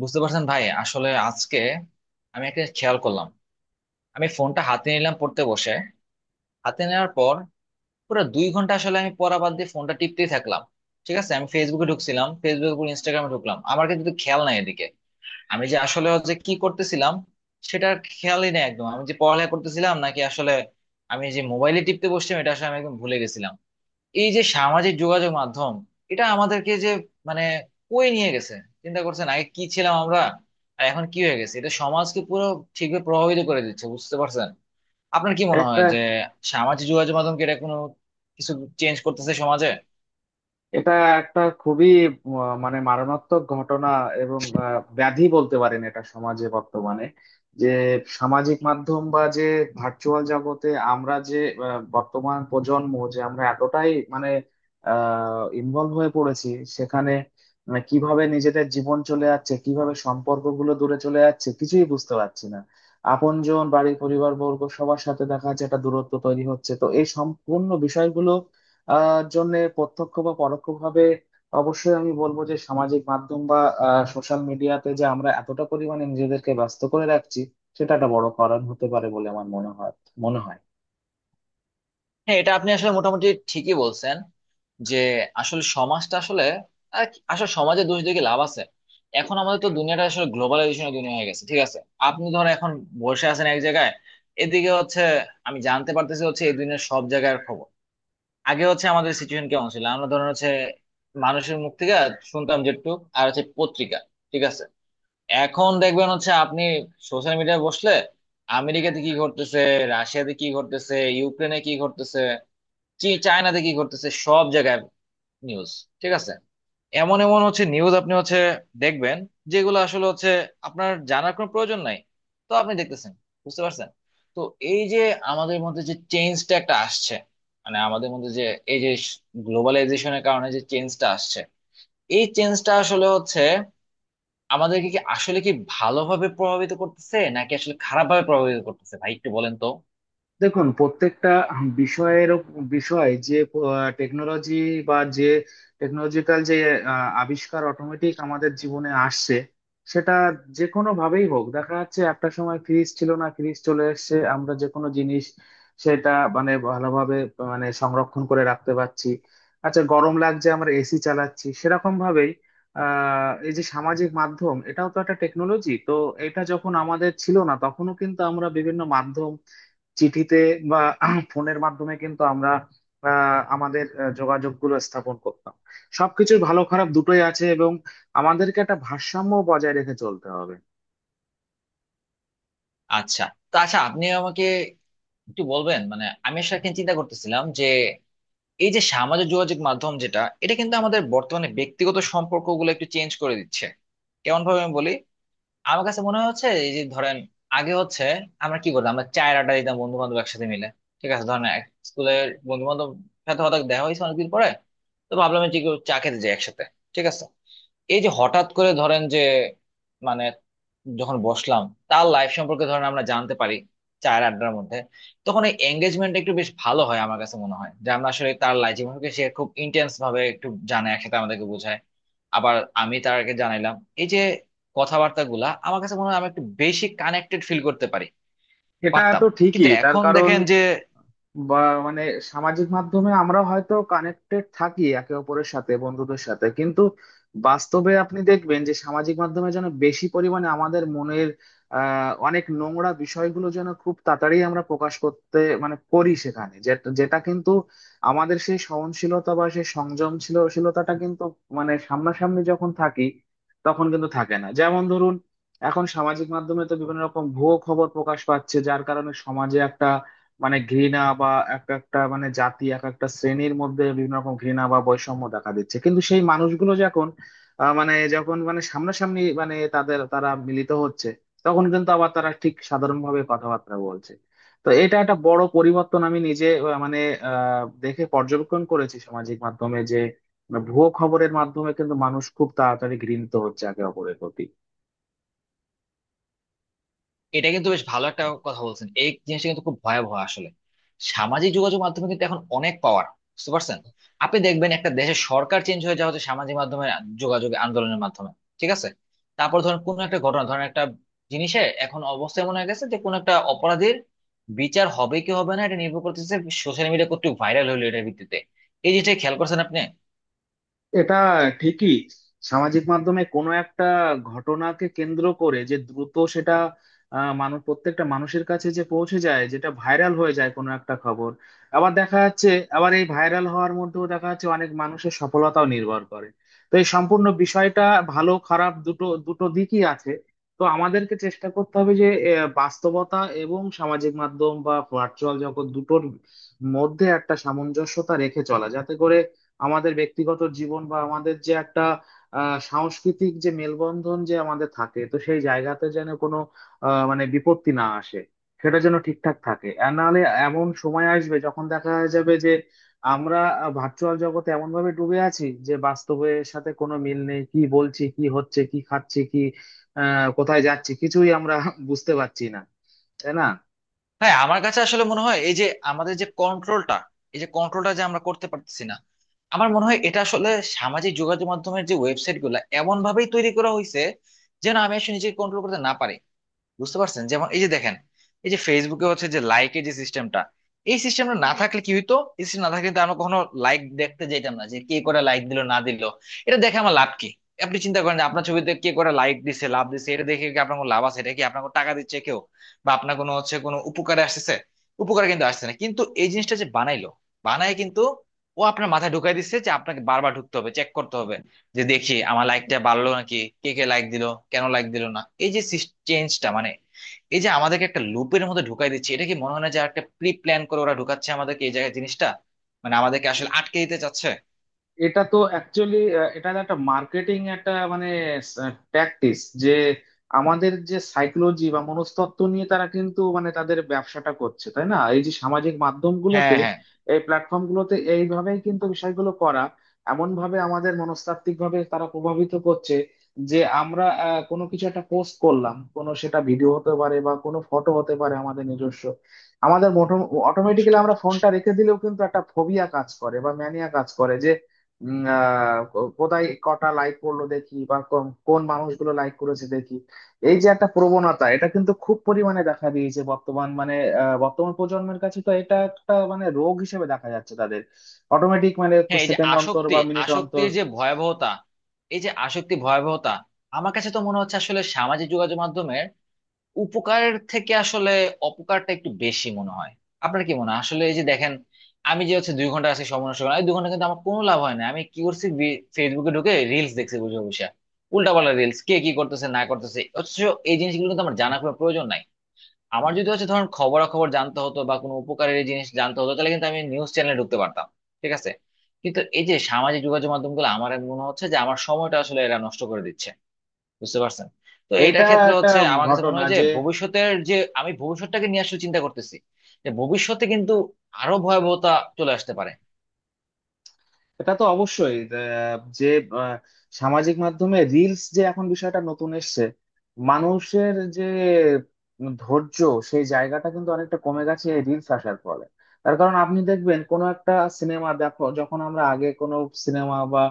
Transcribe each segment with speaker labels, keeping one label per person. Speaker 1: বুঝতে পারছেন ভাই। আসলে আজকে আমি একটা খেয়াল করলাম। আমি ফোনটা হাতে নিলাম পড়তে বসে। হাতে নেওয়ার পর পুরো 2 ঘন্টা আসলে আমি পড়া বাদ দিয়ে ফোনটা টিপতেই থাকলাম। ঠিক আছে, আমি ফেসবুকে ঢুকছিলাম, ফেসবুকের উপর ইনস্টাগ্রামে ঢুকলাম। আমার কিন্তু খেয়াল নাই এদিকে। আমি যে আসলে যে কি করতেছিলাম সেটা খেয়ালই নেই একদম। আমি যে পড়ালেখা করতেছিলাম নাকি আসলে আমি যে মোবাইলে টিপতে বসছিলাম এটা আসলে আমি একদম ভুলে গেছিলাম। এই যে সামাজিক যোগাযোগ মাধ্যম, এটা আমাদেরকে যে মানে কই নিয়ে গেছে! চিন্তা করছেন আগে কি ছিলাম আমরা আর এখন কি হয়ে গেছে? এটা সমাজকে পুরো ঠিকভাবে প্রভাবিত করে দিচ্ছে, বুঝতে পারছেন? আপনার কি মনে হয়
Speaker 2: একটা
Speaker 1: যে সামাজিক যোগাযোগ মাধ্যম কি এটা কোনো কিছু চেঞ্জ করতেছে সমাজে?
Speaker 2: এটা একটা খুবই মানে মারণাত্মক ঘটনা। এবং ব্যাধি বলতে পারেন এটা সমাজে বর্তমানে, যে সামাজিক মাধ্যম বা যে ভার্চুয়াল জগতে আমরা যে বর্তমান প্রজন্ম, যে আমরা এতটাই মানে ইনভলভ হয়ে পড়েছি সেখানে। মানে কিভাবে নিজেদের জীবন চলে যাচ্ছে, কিভাবে সম্পর্কগুলো দূরে চলে যাচ্ছে কিছুই বুঝতে পারছি না। আপনজন, বাড়ি, পরিবার বর্গ সবার সাথে দেখা যাচ্ছে একটা দূরত্ব তৈরি হচ্ছে। তো এই সম্পূর্ণ বিষয়গুলো জন্য প্রত্যক্ষ বা পরোক্ষভাবে অবশ্যই আমি বলবো যে সামাজিক মাধ্যম বা সোশ্যাল মিডিয়াতে যে আমরা এতটা পরিমাণে নিজেদেরকে ব্যস্ত করে রাখছি, সেটা একটা বড় কারণ হতে পারে বলে আমার মনে হয়।
Speaker 1: হ্যাঁ, এটা আপনি আসলে মোটামুটি ঠিকই বলছেন। যে আসলে সমাজটা আসলে আসলে সমাজে দোষ দিয়ে কি লাভ আছে? এখন আমাদের তো দুনিয়াটা আসলে গ্লোবালাইজেশনের দুনিয়া হয়ে গেছে। ঠিক আছে, আপনি ধরো এখন বসে আছেন এক জায়গায়, এদিকে হচ্ছে আমি জানতে পারতেছি হচ্ছে এই দুনিয়ার সব জায়গার খবর। আগে হচ্ছে আমাদের সিচুয়েশন কেমন ছিল, আমরা ধরেন হচ্ছে মানুষের মুখ থেকে শুনতাম যেটুক, আর হচ্ছে পত্রিকা। ঠিক আছে, এখন দেখবেন হচ্ছে আপনি সোশ্যাল মিডিয়ায় বসলে আমেরিকাতে কি ঘটতেছে, রাশিয়াতে কি ঘটতেছে, ইউক্রেনে কি ঘটতেছে, চায়নাতে কি ঘটতেছে, সব জায়গায় নিউজ। ঠিক আছে, এমন এমন হচ্ছে নিউজ আপনি হচ্ছে দেখবেন, যেগুলো আসলে হচ্ছে আপনার জানার কোনো প্রয়োজন নাই। তো আপনি দেখতেছেন, বুঝতে পারছেন। তো এই যে আমাদের মধ্যে যে চেঞ্জটা একটা আসছে, মানে আমাদের মধ্যে যে এই যে গ্লোবালাইজেশনের কারণে যে চেঞ্জটা আসছে, এই চেঞ্জটা আসলে হচ্ছে আমাদেরকে কি আসলে কি ভালোভাবে প্রভাবিত করতেছে নাকি আসলে খারাপভাবে প্রভাবিত করতেছে ভাই একটু বলেন তো।
Speaker 2: দেখুন, প্রত্যেকটা বিষয়ের বিষয় যে টেকনোলজি বা যে টেকনোলজিক্যাল যে আবিষ্কার অটোমেটিক আমাদের জীবনে আসছে, সেটা যে কোনো ভাবেই হোক দেখা যাচ্ছে। একটা সময় ফ্রিজ ছিল না, ফ্রিজ চলে এসেছে, আমরা যে কোনো জিনিস সেটা মানে ভালোভাবে মানে সংরক্ষণ করে রাখতে পারছি। আচ্ছা, গরম লাগছে আমরা এসি চালাচ্ছি, সেরকম ভাবেই এই যে সামাজিক মাধ্যম, এটাও তো একটা টেকনোলজি তো। এটা যখন আমাদের ছিল না তখনও কিন্তু আমরা বিভিন্ন মাধ্যম, চিঠিতে বা ফোনের মাধ্যমে কিন্তু আমরা আমাদের যোগাযোগ গুলো স্থাপন করতাম। সবকিছুর ভালো খারাপ দুটোই আছে এবং আমাদেরকে একটা ভারসাম্য বজায় রেখে চলতে হবে।
Speaker 1: আচ্ছা। তো আচ্ছা আপনি আমাকে একটু বলবেন, মানে আমি আসলে একটা চিন্তা করতেছিলাম যে এই যে সামাজিক যোগাযোগ মাধ্যম যেটা, এটা কিন্তু আমাদের বর্তমানে ব্যক্তিগত সম্পর্কগুলো একটু চেঞ্জ করে দিচ্ছে। কেমন ভাবে আমি বলি। আমার কাছে মনে হচ্ছে এই যে ধরেন আগে হচ্ছে আমরা কি করতাম, আমরা চায়ের আড্ডা দিতাম বন্ধু বান্ধব একসাথে মিলে। ঠিক আছে, ধরেন এক স্কুলের বন্ধু বান্ধব সাথে হঠাৎ দেখা হয়েছে অনেকদিন পরে, তো ভাবলাম যে কেউ চা খেতে যাই একসাথে। ঠিক আছে, এই যে হঠাৎ করে ধরেন যে মানে যখন বসলাম, তার লাইফ সম্পর্কে ধরেন আমরা জানতে পারি চায়ের আড্ডার মধ্যে, তখন এই এঙ্গেজমেন্টটা একটু বেশ ভালো হয়। আমার কাছে মনে হয় যে আমরা আসলে তার লাইফ জীবনকে সে খুব ইন্টেন্স ভাবে একটু জানে, একসাথে আমাদেরকে বোঝায়। আবার আমি তারকে জানাইলাম। এই যে কথাবার্তা গুলা, আমার কাছে মনে হয় আমি একটু বেশি কানেক্টেড ফিল করতে পারি,
Speaker 2: এটা
Speaker 1: পারতাম।
Speaker 2: তো
Speaker 1: কিন্তু
Speaker 2: ঠিকই, তার
Speaker 1: এখন
Speaker 2: কারণ
Speaker 1: দেখেন যে
Speaker 2: বা মানে সামাজিক মাধ্যমে আমরা হয়তো কানেক্টেড থাকি একে অপরের সাথে, বন্ধুদের সাথে, কিন্তু বাস্তবে আপনি দেখবেন যে সামাজিক মাধ্যমে যেন বেশি পরিমাণে আমাদের মনের অনেক নোংরা বিষয়গুলো যেন খুব তাড়াতাড়ি আমরা প্রকাশ করতে মানে করি সেখানে, যেটা যেটা কিন্তু আমাদের সেই সহনশীলতা বা সেই সংযমশীলশীলতাটা কিন্তু মানে সামনাসামনি যখন থাকি তখন কিন্তু থাকে না। যেমন ধরুন, এখন সামাজিক মাধ্যমে তো বিভিন্ন রকম ভুয়ো খবর প্রকাশ পাচ্ছে, যার কারণে সমাজে একটা মানে ঘৃণা বা এক একটা মানে জাতি, এক একটা শ্রেণীর মধ্যে বিভিন্ন রকম ঘৃণা বা বৈষম্য দেখা দিচ্ছে। কিন্তু সেই মানুষগুলো যখন মানে যখন মানে সামনাসামনি মানে তাদের তারা মিলিত হচ্ছে, তখন কিন্তু আবার তারা ঠিক সাধারণভাবে কথাবার্তা বলছে। তো এটা একটা বড় পরিবর্তন আমি নিজে মানে দেখে পর্যবেক্ষণ করেছি সামাজিক মাধ্যমে যে মানে ভুয়ো খবরের মাধ্যমে কিন্তু মানুষ খুব তাড়াতাড়ি ঘৃণিত হচ্ছে একে অপরের প্রতি।
Speaker 1: এটা কিন্তু বেশ ভালো একটা কথা বলছেন। এই জিনিসটা কিন্তু খুব ভয়াবহ আসলে। সামাজিক যোগাযোগ মাধ্যমে কিন্তু এখন অনেক পাওয়ার, বুঝতে পারছেন? আপনি দেখবেন একটা দেশের সরকার চেঞ্জ হয়ে যাওয়া হচ্ছে সামাজিক মাধ্যমে যোগাযোগ আন্দোলনের মাধ্যমে। ঠিক আছে, তারপর ধরেন কোন একটা ঘটনা, ধরেন একটা জিনিসে এখন অবস্থা এমন হয়ে গেছে যে কোন একটা অপরাধীর বিচার হবে কি হবে না এটা নির্ভর করতেছে সোশ্যাল মিডিয়া কর্তৃক ভাইরাল হলো এটার ভিত্তিতে। এই জিনিসটা খেয়াল করছেন আপনি?
Speaker 2: এটা ঠিকই, সামাজিক মাধ্যমে কোনো একটা ঘটনাকে কেন্দ্র করে যে দ্রুত সেটা মানুষ প্রত্যেকটা মানুষের কাছে যে পৌঁছে যায়, যেটা ভাইরাল হয়ে যায় কোনো একটা খবর। আবার দেখা যাচ্ছে, আবার এই ভাইরাল হওয়ার মধ্যেও দেখা যাচ্ছে অনেক মানুষের সফলতাও নির্ভর করে। তো এই সম্পূর্ণ বিষয়টা, ভালো খারাপ দুটো দুটো দিকই আছে। তো আমাদেরকে চেষ্টা করতে হবে যে বাস্তবতা এবং সামাজিক মাধ্যম বা ভার্চুয়াল জগৎ দুটোর মধ্যে একটা সামঞ্জস্যতা রেখে চলা, যাতে করে আমাদের ব্যক্তিগত জীবন বা আমাদের যে একটা সাংস্কৃতিক যে মেলবন্ধন যে আমাদের থাকে, তো সেই জায়গাতে যেন কোনো মানে বিপত্তি না আসে, সেটা যেন ঠিকঠাক থাকে। আর নাহলে এমন সময় আসবে যখন দেখা যাবে যে আমরা ভার্চুয়াল জগতে এমন ভাবে ডুবে আছি যে বাস্তবের সাথে কোনো মিল নেই। কি বলছি, কি হচ্ছে, কি খাচ্ছি, কি কোথায় যাচ্ছি কিছুই আমরা বুঝতে পারছি না, তাই না।
Speaker 1: হ্যাঁ, আমার কাছে আসলে মনে হয় এই যে আমাদের যে কন্ট্রোলটা, এই যে কন্ট্রোলটা যে আমরা করতে পারতেছি না, আমার মনে হয় এটা আসলে সামাজিক যোগাযোগ মাধ্যমের যে ওয়েবসাইট গুলা এমন ভাবেই তৈরি করা হয়েছে যেন আমি আসলে নিজেকে কন্ট্রোল করতে না পারি। বুঝতে পারছেন? যেমন এই যে দেখেন, এই যে ফেসবুকে হচ্ছে যে লাইকের যে সিস্টেমটা, এই সিস্টেমটা না থাকলে কি হইতো, এই সিস্টেম না থাকলে কিন্তু আমরা কখনো লাইক দেখতে যেতাম না যে কে করে লাইক দিল না দিল। এটা দেখে আমার লাভ কি? আপনি চিন্তা করেন যে আপনার ছবিতে কে করে লাইক দিছে লাভ দিছে এটা দেখে কি আপনার কোনো লাভ আছে? এটা কি আপনার কোনো টাকা দিচ্ছে কেউ? বা আপনার কোনো হচ্ছে কোনো উপকারে আসতেছে? উপকারে কিন্তু আসছে না। কিন্তু এই জিনিসটা যে বানাইলো, বানায় কিন্তু ও আপনার মাথায় ঢুকাই দিচ্ছে যে আপনাকে বারবার ঢুকতে হবে চেক করতে হবে, যে দেখি আমার লাইকটা বাড়লো নাকি, কে কে লাইক দিল, কেন লাইক দিল না। এই যে চেঞ্জটা মানে এই যে আমাদেরকে একটা লুপের মধ্যে ঢুকাই দিচ্ছে। এটা কি মনে হয় না যে একটা প্রি প্ল্যান করে ওরা ঢুকাচ্ছে আমাদেরকে এই জায়গায় জিনিসটা, মানে আমাদেরকে আসলে আটকে দিতে চাচ্ছে?
Speaker 2: এটা তো অ্যাকচুয়ালি, এটা একটা মার্কেটিং একটা মানে ট্যাকটিস যে আমাদের যে সাইকোলজি বা মনস্তত্ত্ব নিয়ে তারা কিন্তু মানে তাদের ব্যবসাটা করছে, তাই না, এই যে সামাজিক
Speaker 1: হ্যাঁ,
Speaker 2: মাধ্যমগুলোতে,
Speaker 1: হ্যাঁ,
Speaker 2: এই প্ল্যাটফর্মগুলোতে, এইভাবেই কিন্তু বিষয়গুলো করা। এমন ভাবে আমাদের মনস্তাত্ত্বিক ভাবে তারা প্রভাবিত করছে যে আমরা কোনো কিছু একটা পোস্ট করলাম, কোনো সেটা ভিডিও হতে পারে বা কোনো ফটো হতে পারে, আমাদের নিজস্ব, আমাদের অটোমেটিক্যালি আমরা ফোনটা রেখে দিলেও কিন্তু একটা ফোবিয়া কাজ করে বা ম্যানিয়া কাজ করে। কোথায় কটা লাইক করলো দেখি, বা কোন কোন মানুষগুলো লাইক করেছে দেখি। এই যে একটা প্রবণতা, এটা কিন্তু খুব পরিমাণে দেখা দিয়েছে বর্তমান মানে বর্তমান প্রজন্মের কাছে। তো এটা একটা মানে রোগ হিসেবে দেখা যাচ্ছে তাদের, অটোমেটিক মানে
Speaker 1: হ্যাঁ। এই যে
Speaker 2: সেকেন্ড অন্তর
Speaker 1: আসক্তি,
Speaker 2: বা মিনিট অন্তর।
Speaker 1: আসক্তির যে ভয়াবহতা, এই যে আসক্তি ভয়াবহতা, আমার কাছে তো মনে হচ্ছে আসলে সামাজিক যোগাযোগ মাধ্যমে উপকার থেকে আসলে অপকারটা একটু বেশি মনে হয়। আপনার কি মনে হয় আসলে? এই যে দেখেন, আমি যে হচ্ছে 2 ঘন্টা আজকে সময় নষ্ট করলাম, এই 2 ঘন্টা কিন্তু আমার কোনো লাভ হয় না। আমি কি করছি, ফেসবুকে ঢুকে রিলস দেখছি বুঝে বসে, উল্টাপাল্টা রিলস কে কি করতেছে না করতেছে, অথচ এই জিনিসগুলো কিন্তু আমার জানা কোনো প্রয়োজন নাই। আমার যদি হচ্ছে ধরেন খবরাখবর জানতে হতো বা কোনো উপকারের এই জিনিস জানতে হতো, তাহলে কিন্তু আমি নিউজ চ্যানেলে ঢুকতে পারতাম। ঠিক আছে, কিন্তু এই যে সামাজিক যোগাযোগ মাধ্যমগুলো আমার মনে হচ্ছে যে আমার সময়টা আসলে এরা নষ্ট করে দিচ্ছে, বুঝতে পারছেন? তো এটার
Speaker 2: এইটা
Speaker 1: ক্ষেত্রে
Speaker 2: একটা
Speaker 1: হচ্ছে আমার কাছে মনে
Speaker 2: ঘটনা
Speaker 1: হয় যে
Speaker 2: যে,
Speaker 1: ভবিষ্যতের যে, আমি ভবিষ্যৎটাকে নিয়ে আসলে চিন্তা করতেছি, যে ভবিষ্যতে কিন্তু আরো ভয়াবহতা চলে আসতে পারে।
Speaker 2: এটা তো অবশ্যই যে আহ, সামাজিক মাধ্যমে রিলস যে এখন বিষয়টা নতুন এসছে, মানুষের যে ধৈর্য, সেই জায়গাটা কিন্তু অনেকটা কমে গেছে এই রিলস আসার ফলে। তার কারণ আপনি দেখবেন, কোনো একটা সিনেমা দেখো যখন, আমরা আগে কোনো সিনেমা বা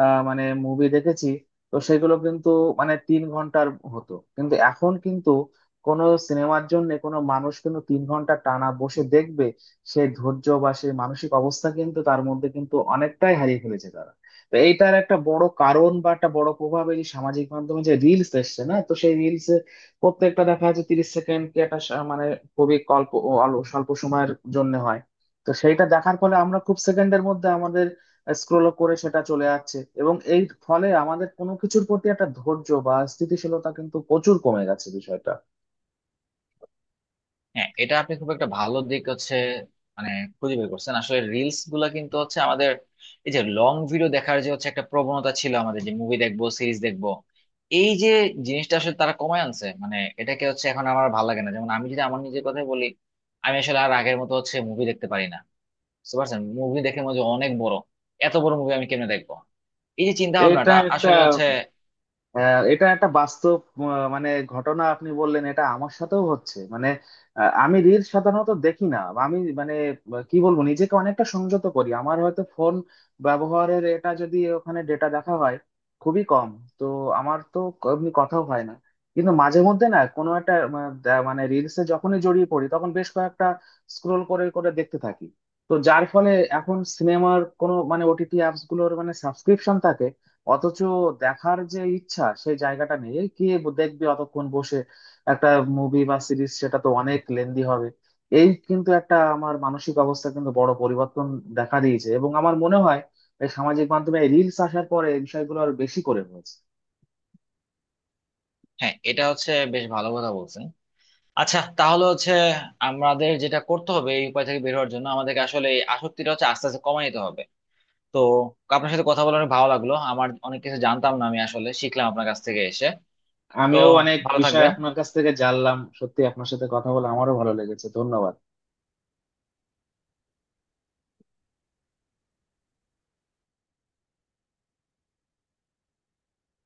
Speaker 2: মানে মুভি দেখেছি, তো সেগুলো কিন্তু মানে 3 ঘন্টার হতো। কিন্তু এখন কিন্তু কোনো সিনেমার জন্য কোনো মানুষ কিন্তু 3 ঘন্টা টানা বসে দেখবে সেই ধৈর্য বা সেই মানসিক অবস্থা কিন্তু তার মধ্যে কিন্তু অনেকটাই হারিয়ে ফেলেছে তারা। তো এইটার একটা বড় কারণ বা একটা বড় প্রভাব এই যে সামাজিক মাধ্যমে যে রিলস এসছে না, তো সেই রিলস প্রত্যেকটা দেখা যাচ্ছে 30 সেকেন্ড কি, একটা মানে খুবই অল্প, স্বল্প সময়ের জন্য হয়। তো সেইটা দেখার ফলে আমরা খুব সেকেন্ডের মধ্যে আমাদের স্ক্রল করে সেটা চলে যাচ্ছে, এবং এই ফলে আমাদের কোনো কিছুর প্রতি একটা ধৈর্য বা স্থিতিশীলতা কিন্তু প্রচুর কমে গেছে বিষয়টা।
Speaker 1: হ্যাঁ, এটা আপনি খুব একটা ভালো দিক হচ্ছে মানে খুঁজে বের করছেন। আসলে রিলস গুলা কিন্তু হচ্ছে আমাদের এই যে লং ভিডিও দেখার যে হচ্ছে একটা প্রবণতা ছিল, আমাদের যে মুভি দেখবো সিরিজ দেখবো, এই যে জিনিসটা আসলে তারা কমায় আনছে মানে এটাকে হচ্ছে। এখন আমার ভালো লাগে না, যেমন আমি যদি আমার নিজের কথাই বলি, আমি আসলে আর আগের মতো হচ্ছে মুভি দেখতে পারি না। বুঝতে পারছেন? মুভি দেখে মনে হয় যে অনেক বড়, এত বড় মুভি আমি কেমনে দেখবো, এই যে চিন্তা
Speaker 2: এটা
Speaker 1: ভাবনাটা
Speaker 2: একটা
Speaker 1: আসলে হচ্ছে।
Speaker 2: হ্যাঁ, এটা একটা বাস্তব মানে ঘটনা আপনি বললেন, এটা আমার সাথেও হচ্ছে মানে। আমি রিল সাধারণত দেখি না, আমি মানে কি বলবো, নিজেকে অনেকটা সংযত করি। আমার হয়তো ফোন ব্যবহারের এটা যদি ওখানে ডেটা দেখা হয়, খুবই কম। তো আমার তো এমনি কথাও হয় না, কিন্তু মাঝে মধ্যে না কোনো একটা মানে রিলসে যখনই জড়িয়ে পড়ি, তখন বেশ কয়েকটা স্ক্রোল করে করে দেখতে থাকি। তো যার ফলে এখন সিনেমার কোনো মানে ওটিটি অ্যাপস গুলোর মানে সাবস্ক্রিপশন অথচ দেখার যে ইচ্ছা, সেই জায়গাটা নেই। এই কে দেখবে অতক্ষণ বসে একটা মুভি বা সিরিজ, সেটা তো অনেক লেন্দি হবে। এই কিন্তু একটা আমার মানসিক অবস্থা কিন্তু বড় পরিবর্তন দেখা দিয়েছে, এবং আমার মনে হয় এই সামাজিক মাধ্যমে রিলস আসার পরে এই বিষয়গুলো আরো বেশি করে হয়েছে।
Speaker 1: হ্যাঁ, এটা হচ্ছে বেশ ভালো কথা বলছেন। আচ্ছা, তাহলে হচ্ছে আমাদের যেটা করতে হবে এই উপায় থেকে বের হওয়ার জন্য, আমাদেরকে আসলে এই আসক্তিটা হচ্ছে আস্তে আস্তে কমাই নিতে হবে। তো আপনার সাথে কথা বলে অনেক ভালো লাগলো, আমার অনেক কিছু জানতাম না, আমি আসলে শিখলাম আপনার কাছ থেকে এসে। তো
Speaker 2: আমিও অনেক
Speaker 1: ভালো
Speaker 2: বিষয় আপনার
Speaker 1: থাকবেন।
Speaker 2: কাছ থেকে জানলাম, সত্যি আপনার সাথে কথা বলে আমারও ভালো লেগেছে, ধন্যবাদ।